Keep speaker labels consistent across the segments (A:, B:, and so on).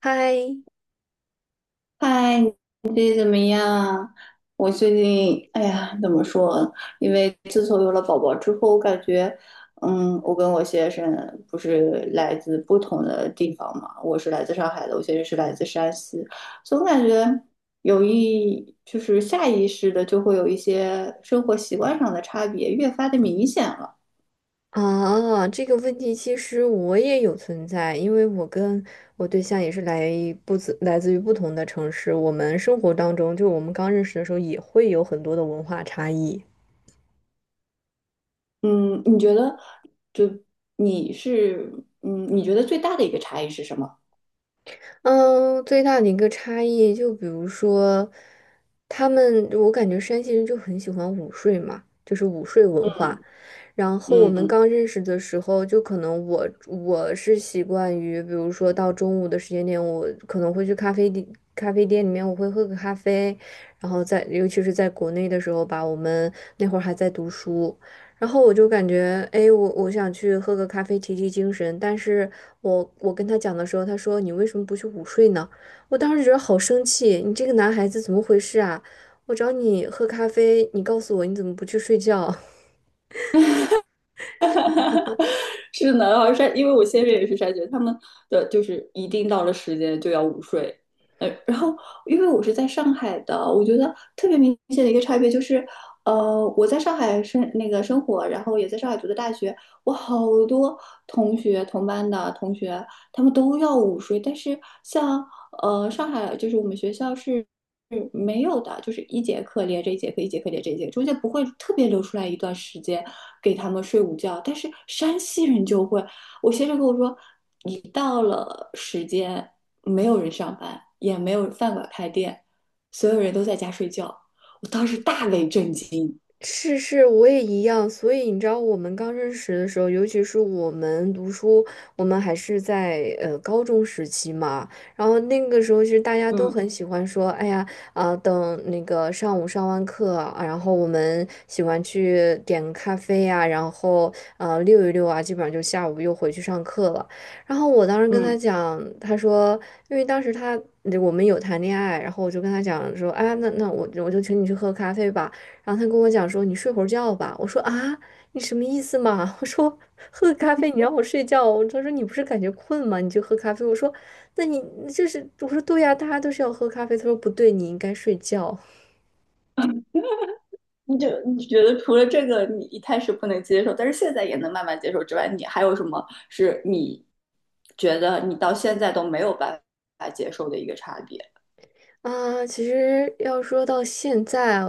A: 嗨，
B: 嗨，你最近怎么样啊？我最近，哎呀，怎么说？因为自从有了宝宝之后，我感觉，嗯，我跟我先生不是来自不同的地方嘛，我是来自上海的，我先生是来自山西，总感觉有一，就是下意识的就会有一些生活习惯上的差别，越发的明显了。
A: 啊，这个问题其实我也有存在，因为我跟我对象也是来自于不同的城市，我们生活当中，就我们刚认识的时候也会有很多的文化差异。
B: 嗯，你觉得，就你是，嗯，你觉得最大的一个差异是什么？
A: 嗯，最大的一个差异，就比如说，我感觉山西人就很喜欢午睡嘛，就是午睡文化。然后我们
B: 嗯。
A: 刚认识的时候，就可能我是习惯于，比如说到中午的时间点，我可能会去咖啡店，咖啡店里面我会喝个咖啡，然后尤其是在国内的时候吧，我们那会儿还在读书，然后我就感觉，哎，我想去喝个咖啡提提精神，但是我跟他讲的时候，他说你为什么不去午睡呢？我当时觉得好生气，你这个男孩子怎么回事啊？我找你喝咖啡，你告诉我你怎么不去睡觉？
B: 是的，然后筛，因为我先生也是筛选，他们的就是一定到了时间就要午睡。然后因为我是在上海的，我觉得特别明显的一个差别就是，我在上海生那个生活，然后也在上海读的大学，我好多同班的同学，他们都要午睡，但是像上海就是我们学校是嗯，没有的，就是一节课连着一节课，一节课连着一节课，中间不会特别留出来一段时间给他们睡午觉。但是山西人就会，我先生跟我说，一到了时间，没有人上班，也没有饭馆开店，所有人都在家睡觉。我当时大为震惊。
A: 是是，我也一样。所以你知道，我们刚认识的时候，尤其是我们读书，我们还是在高中时期嘛。然后那个时候，其实大家都
B: 嗯
A: 很喜欢说，哎呀，啊、等那个上午上完课啊然后我们喜欢去点个咖啡呀、然后溜一溜啊，基本上就下午又回去上课了。然后我当时跟他
B: 嗯，
A: 讲，他说，因为当时我们有谈恋爱，然后我就跟他讲说，哎，那我就请你去喝咖啡吧。然后他跟我讲说你睡会儿觉吧。我说啊，你什么意思嘛？我说喝个咖啡你让我睡觉。他说你不是感觉困吗？你就喝咖啡。我说那你就是我说对呀、大家都是要喝咖啡。他说不对，你应该睡觉。
B: 你觉得除了这个你一开始不能接受，但是现在也能慢慢接受之外，你还有什么是你觉得你到现在都没有办法接受的一个差别？
A: 啊，其实要说到现在，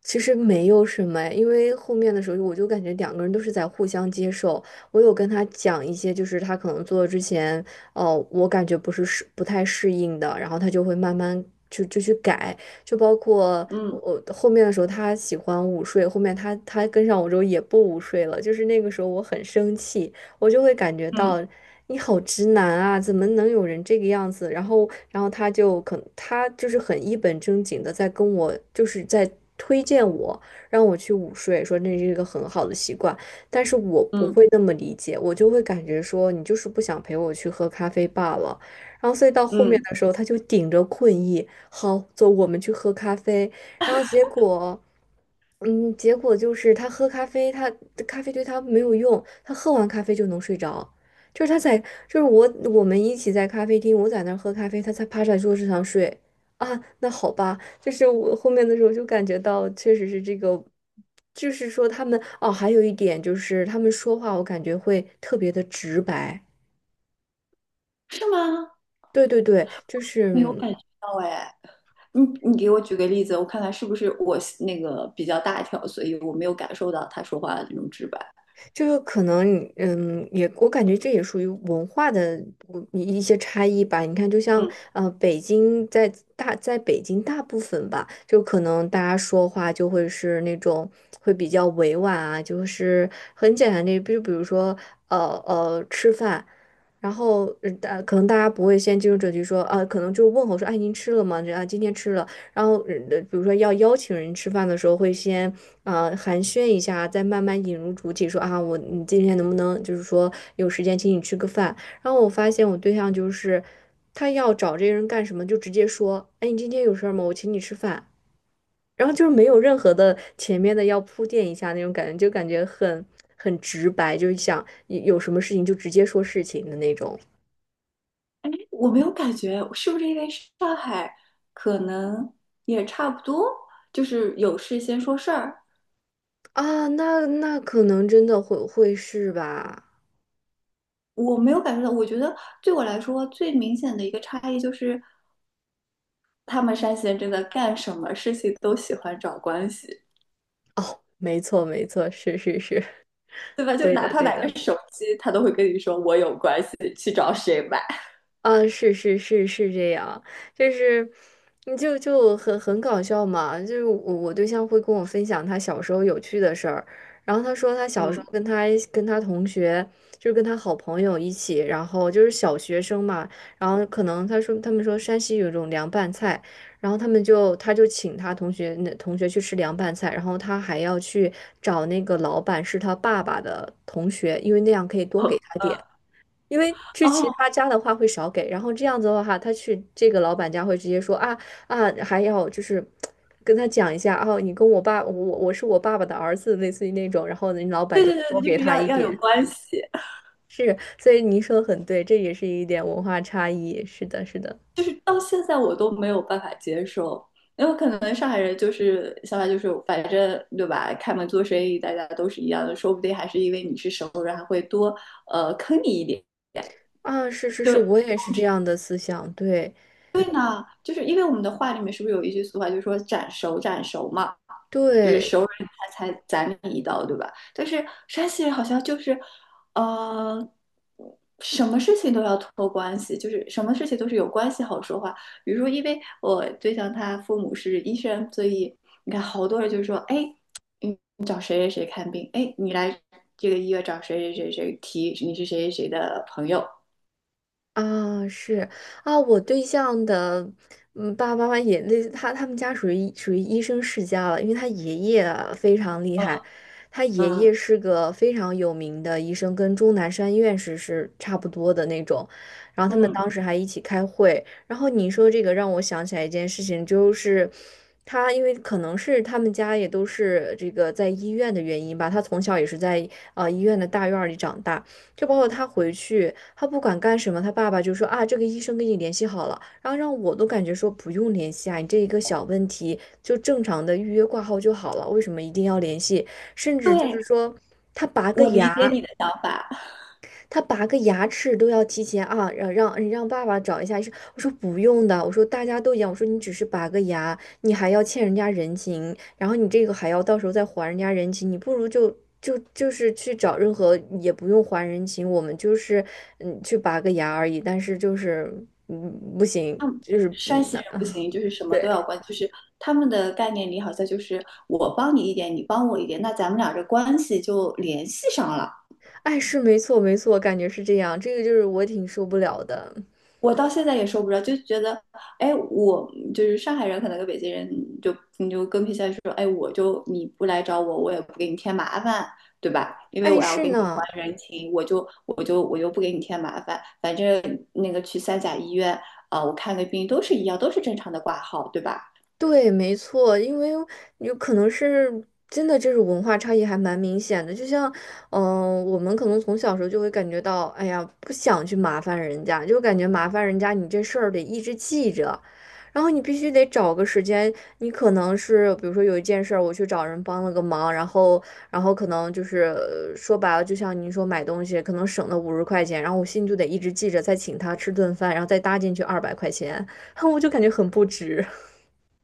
A: 其实没有什么，哎，因为后面的时候我就感觉两个人都是在互相接受。我有跟他讲一些，就是他可能做之前，哦，我感觉不太适应的，然后他就会慢慢就去改，就包括我
B: 嗯
A: 我后面的时候，他喜欢午睡，后面他跟上我之后也不午睡了，就是那个时候我很生气，我就会感觉
B: 嗯
A: 到你好直男啊，怎么能有人这个样子？然后他就是很一本正经的在跟我，就是在推荐我，让我去午睡，说那是一个很好的习惯。但是我不
B: 嗯
A: 会那么理解，我就会感觉说你就是不想陪我去喝咖啡罢了。然后所以到后面
B: 嗯，
A: 的时候，他就顶着困意，好，走，我们去喝咖啡。然后结果。结果就是他喝咖啡，咖啡对他没有用，他喝完咖啡就能睡着。就是他在，就是我们一起在咖啡厅，我在那儿喝咖啡，他才趴在桌子上睡。啊，那好吧，就是我后面的时候就感觉到，确实是这个，就是说他们还有一点就是他们说话，我感觉会特别的直白。
B: 是吗？
A: 对对对，就是。
B: 没有
A: 嗯
B: 感觉到哎，你给我举个例子，我看看是不是我那个比较大条，所以我没有感受到他说话的那种直白。
A: 就是可能你我感觉这也属于文化的不一一些差异吧。你看，就像
B: 嗯，
A: 北京在大在北京大部分吧，就可能大家说话就会是那种会比较委婉啊，就是很简单的，就比如说呃吃饭，然后可能大家不会先进入主题说啊，可能就问候说，哎，您吃了吗？这啊，今天吃了。然后，比如说要邀请人吃饭的时候，会先啊寒暄一下，再慢慢引入主体，说啊，你今天能不能就是说有时间请你吃个饭？然后我发现我对象就是他要找这个人干什么，就直接说，哎，你今天有事儿吗？我请你吃饭。然后就是没有任何的前面的要铺垫一下那种感觉，就感觉很直白，就是想有什么事情就直接说事情的那种
B: 我没有感觉，是不是因为上海可能也差不多，就是有事先说事儿，
A: 啊。那可能真的会是吧？
B: 我没有感觉到。我觉得对我来说最明显的一个差异就是，他们山西人真的干什么事情都喜欢找关系。
A: 哦，没错，没错，是是是，
B: 对吧？就
A: 对
B: 哪
A: 的，
B: 怕
A: 对
B: 买个
A: 的。
B: 手机，他都会跟你说我有关系，去找谁买。
A: 啊，是是是是这样，就是你就很搞笑嘛，就是我对象会跟我分享他小时候有趣的事儿，然后他说他小时
B: 嗯，
A: 候跟他同学，就是跟他好朋友一起，然后就是小学生嘛，然后可能他说他们说山西有一种凉拌菜，然后他就请他同学那去吃凉拌菜，然后他还要去找那个老板是他爸爸的同学，因为那样可以多
B: 哦，
A: 给他点。因为去其
B: 哦
A: 他家的话会少给，然后这样子的话，他去这个老板家会直接说啊，还要就是跟他讲一下哦，你跟我爸，我是我爸爸的儿子，类似于那种，然后人老板
B: 对
A: 就会
B: 对
A: 多
B: 对，就
A: 给
B: 是
A: 他
B: 要
A: 一
B: 要有
A: 点。
B: 关系，
A: 是，所以您说的很对，这也是一点文化差异。是的，是的，
B: 就是到现在我都没有办法接受，因为可能上海人就是想法就是反正对吧？开门做生意大家都是一样的，说不定还是因为你是熟人，还会多坑你一点。
A: 啊，是是是，
B: 就
A: 我也是这样的思想，对
B: 就是因为我们的话里面是不是有一句俗话，就是说斩熟斩熟嘛，就是
A: 对，
B: 熟人才斩你一刀，对吧？但是山西人好像就是，呃，什么事情都要托关系，就是什么事情都是有关系好说话。比如说，因为我对象他父母是医生，所以你看好多人就说，哎，你找谁谁谁看病，哎，你来这个医院找谁谁谁谁提你是谁谁谁的朋友，
A: 啊，是啊，我对象的爸爸妈妈也那他他们家属于属于医生世家了，因为他爷爷啊非常厉
B: 嗯
A: 害，他爷爷
B: 嗯
A: 是个非常有名的医生，跟钟南山院士是差不多的那种。然后他们
B: 嗯，
A: 当时还一起开会，然后你说这个让我想起来一件事情，就是因为可能是他们家也都是这个在医院的原因吧，他从小也是在医院的大院儿里长大。就包括他回去，他不管干什么，他爸爸就说啊，这个医生跟你联系好了，然后让我都感觉说不用联系啊，你这一个小问题就正常的预约挂号就好了，为什么一定要联系？甚至就是
B: 对，
A: 说他拔个
B: 我理解
A: 牙。
B: 你的想法。
A: 他拔个牙齿都要提前啊，让爸爸找一下医生。我说不用的，我说大家都一样，我说你只是拔个牙，你还要欠人家人情，然后你这个还要到时候再还人家人情，你不如就是去找任何也不用还人情，我们就是去拔个牙而已，但是就是嗯不行，就是
B: 山西人不行，就是什么
A: 对，
B: 都要关，就是他们的概念里好像就是我帮你一点，你帮我一点，那咱们俩这关系就联系上了。
A: 哎是没错没错，感觉是这样，这个就是我挺受不了的。
B: 我到现在也说不着，就觉得，哎，我就是上海人，可能跟北京人就你就更偏向于说，哎，我就你不来找我，我也不给你添麻烦，对吧？因为
A: 碍
B: 我要
A: 事
B: 给你
A: 呢？
B: 还人情，我就不给你添麻烦，反正那个去三甲医院啊、我看个病都是一样，都是正常的挂号，对吧？
A: 对，没错，因为有可能是真的，这种文化差异还蛮明显的。就像，我们可能从小时候就会感觉到，哎呀，不想去麻烦人家，就感觉麻烦人家，你这事儿得一直记着，然后你必须得找个时间，你可能是比如说有一件事儿，我去找人帮了个忙，然后，可能就是说白了，就像您说买东西，可能省了50块钱，然后我心里就得一直记着，再请他吃顿饭，然后再搭进去200块钱，我就感觉很不值。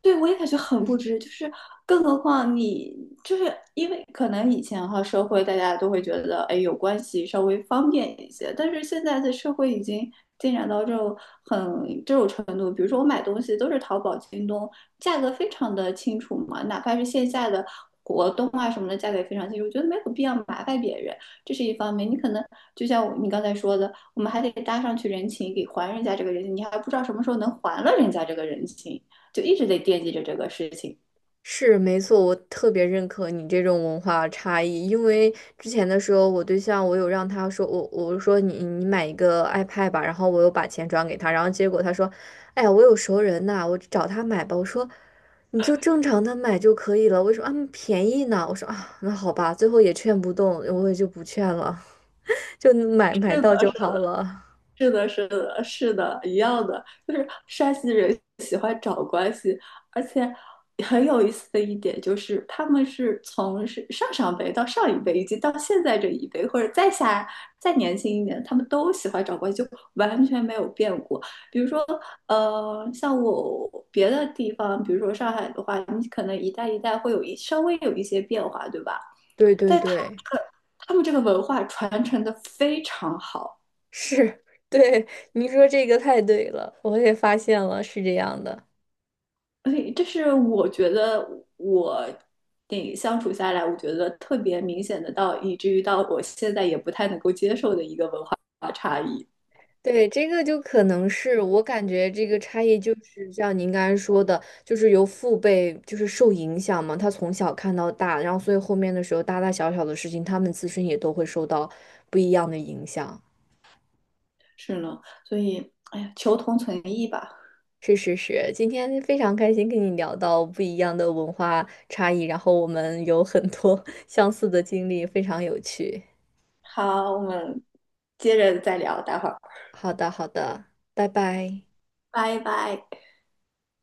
B: 对，我也感觉很不值，就是更何况你就是因为可能以前哈社会大家都会觉得，哎，有关系稍微方便一些，但是现在的社会已经进展到这种这种程度，比如说我买东西都是淘宝、京东，价格非常的清楚嘛，哪怕是线下的活动啊什么的，价格也非常清楚，我觉得没有必要麻烦别人，这是一方面。你可能就像你刚才说的，我们还得搭上去人情，给还人家这个人情，你还不知道什么时候能还了人家这个人情。就一直在惦记着这个事情。
A: 是没错，我特别认可你这种文化差异，因为之前的时候，我对象我有让他说，我说你买一个 iPad 吧，然后我又把钱转给他，然后结果他说，哎呀，我有熟人呐，我找他买吧。我说你就正常的买就可以了，为什么啊便宜呢？我说啊，那好吧，最后也劝不动，我也就不劝了，就买
B: 是
A: 到
B: 的，
A: 就
B: 是的，
A: 好了。
B: 是的，是的，是的，一样的，就是山西人喜欢找关系，而且很有意思的一点就是，他们是上上辈到上一辈，以及到现在这一辈，或者再下再年轻一点，他们都喜欢找关系，就完全没有变过。比如说，像我别的地方，比如说上海的话，你可能一代一代会稍微有一些变化，对吧？
A: 对对
B: 但
A: 对，
B: 他们这个文化传承的非常好，
A: 是，对，你说这个太对了，我也发现了，是这样的。
B: 所以这是我觉得我相处下来，我觉得特别明显的到，以至于到我现在也不太能够接受的一个文化差异。
A: 对，这个就可能是我感觉这个差异，就是像您刚才说的，就是由父辈就是受影响嘛，他从小看到大，然后所以后面的时候大大小小的事情，他们自身也都会受到不一样的影响。
B: 是呢，所以哎呀，求同存异吧。
A: 是是是，今天非常开心跟你聊到不一样的文化差异，然后我们有很多 相似的经历，非常有趣。
B: 好，我们接着再聊，待会儿，
A: 好的好的，拜拜。
B: 拜拜。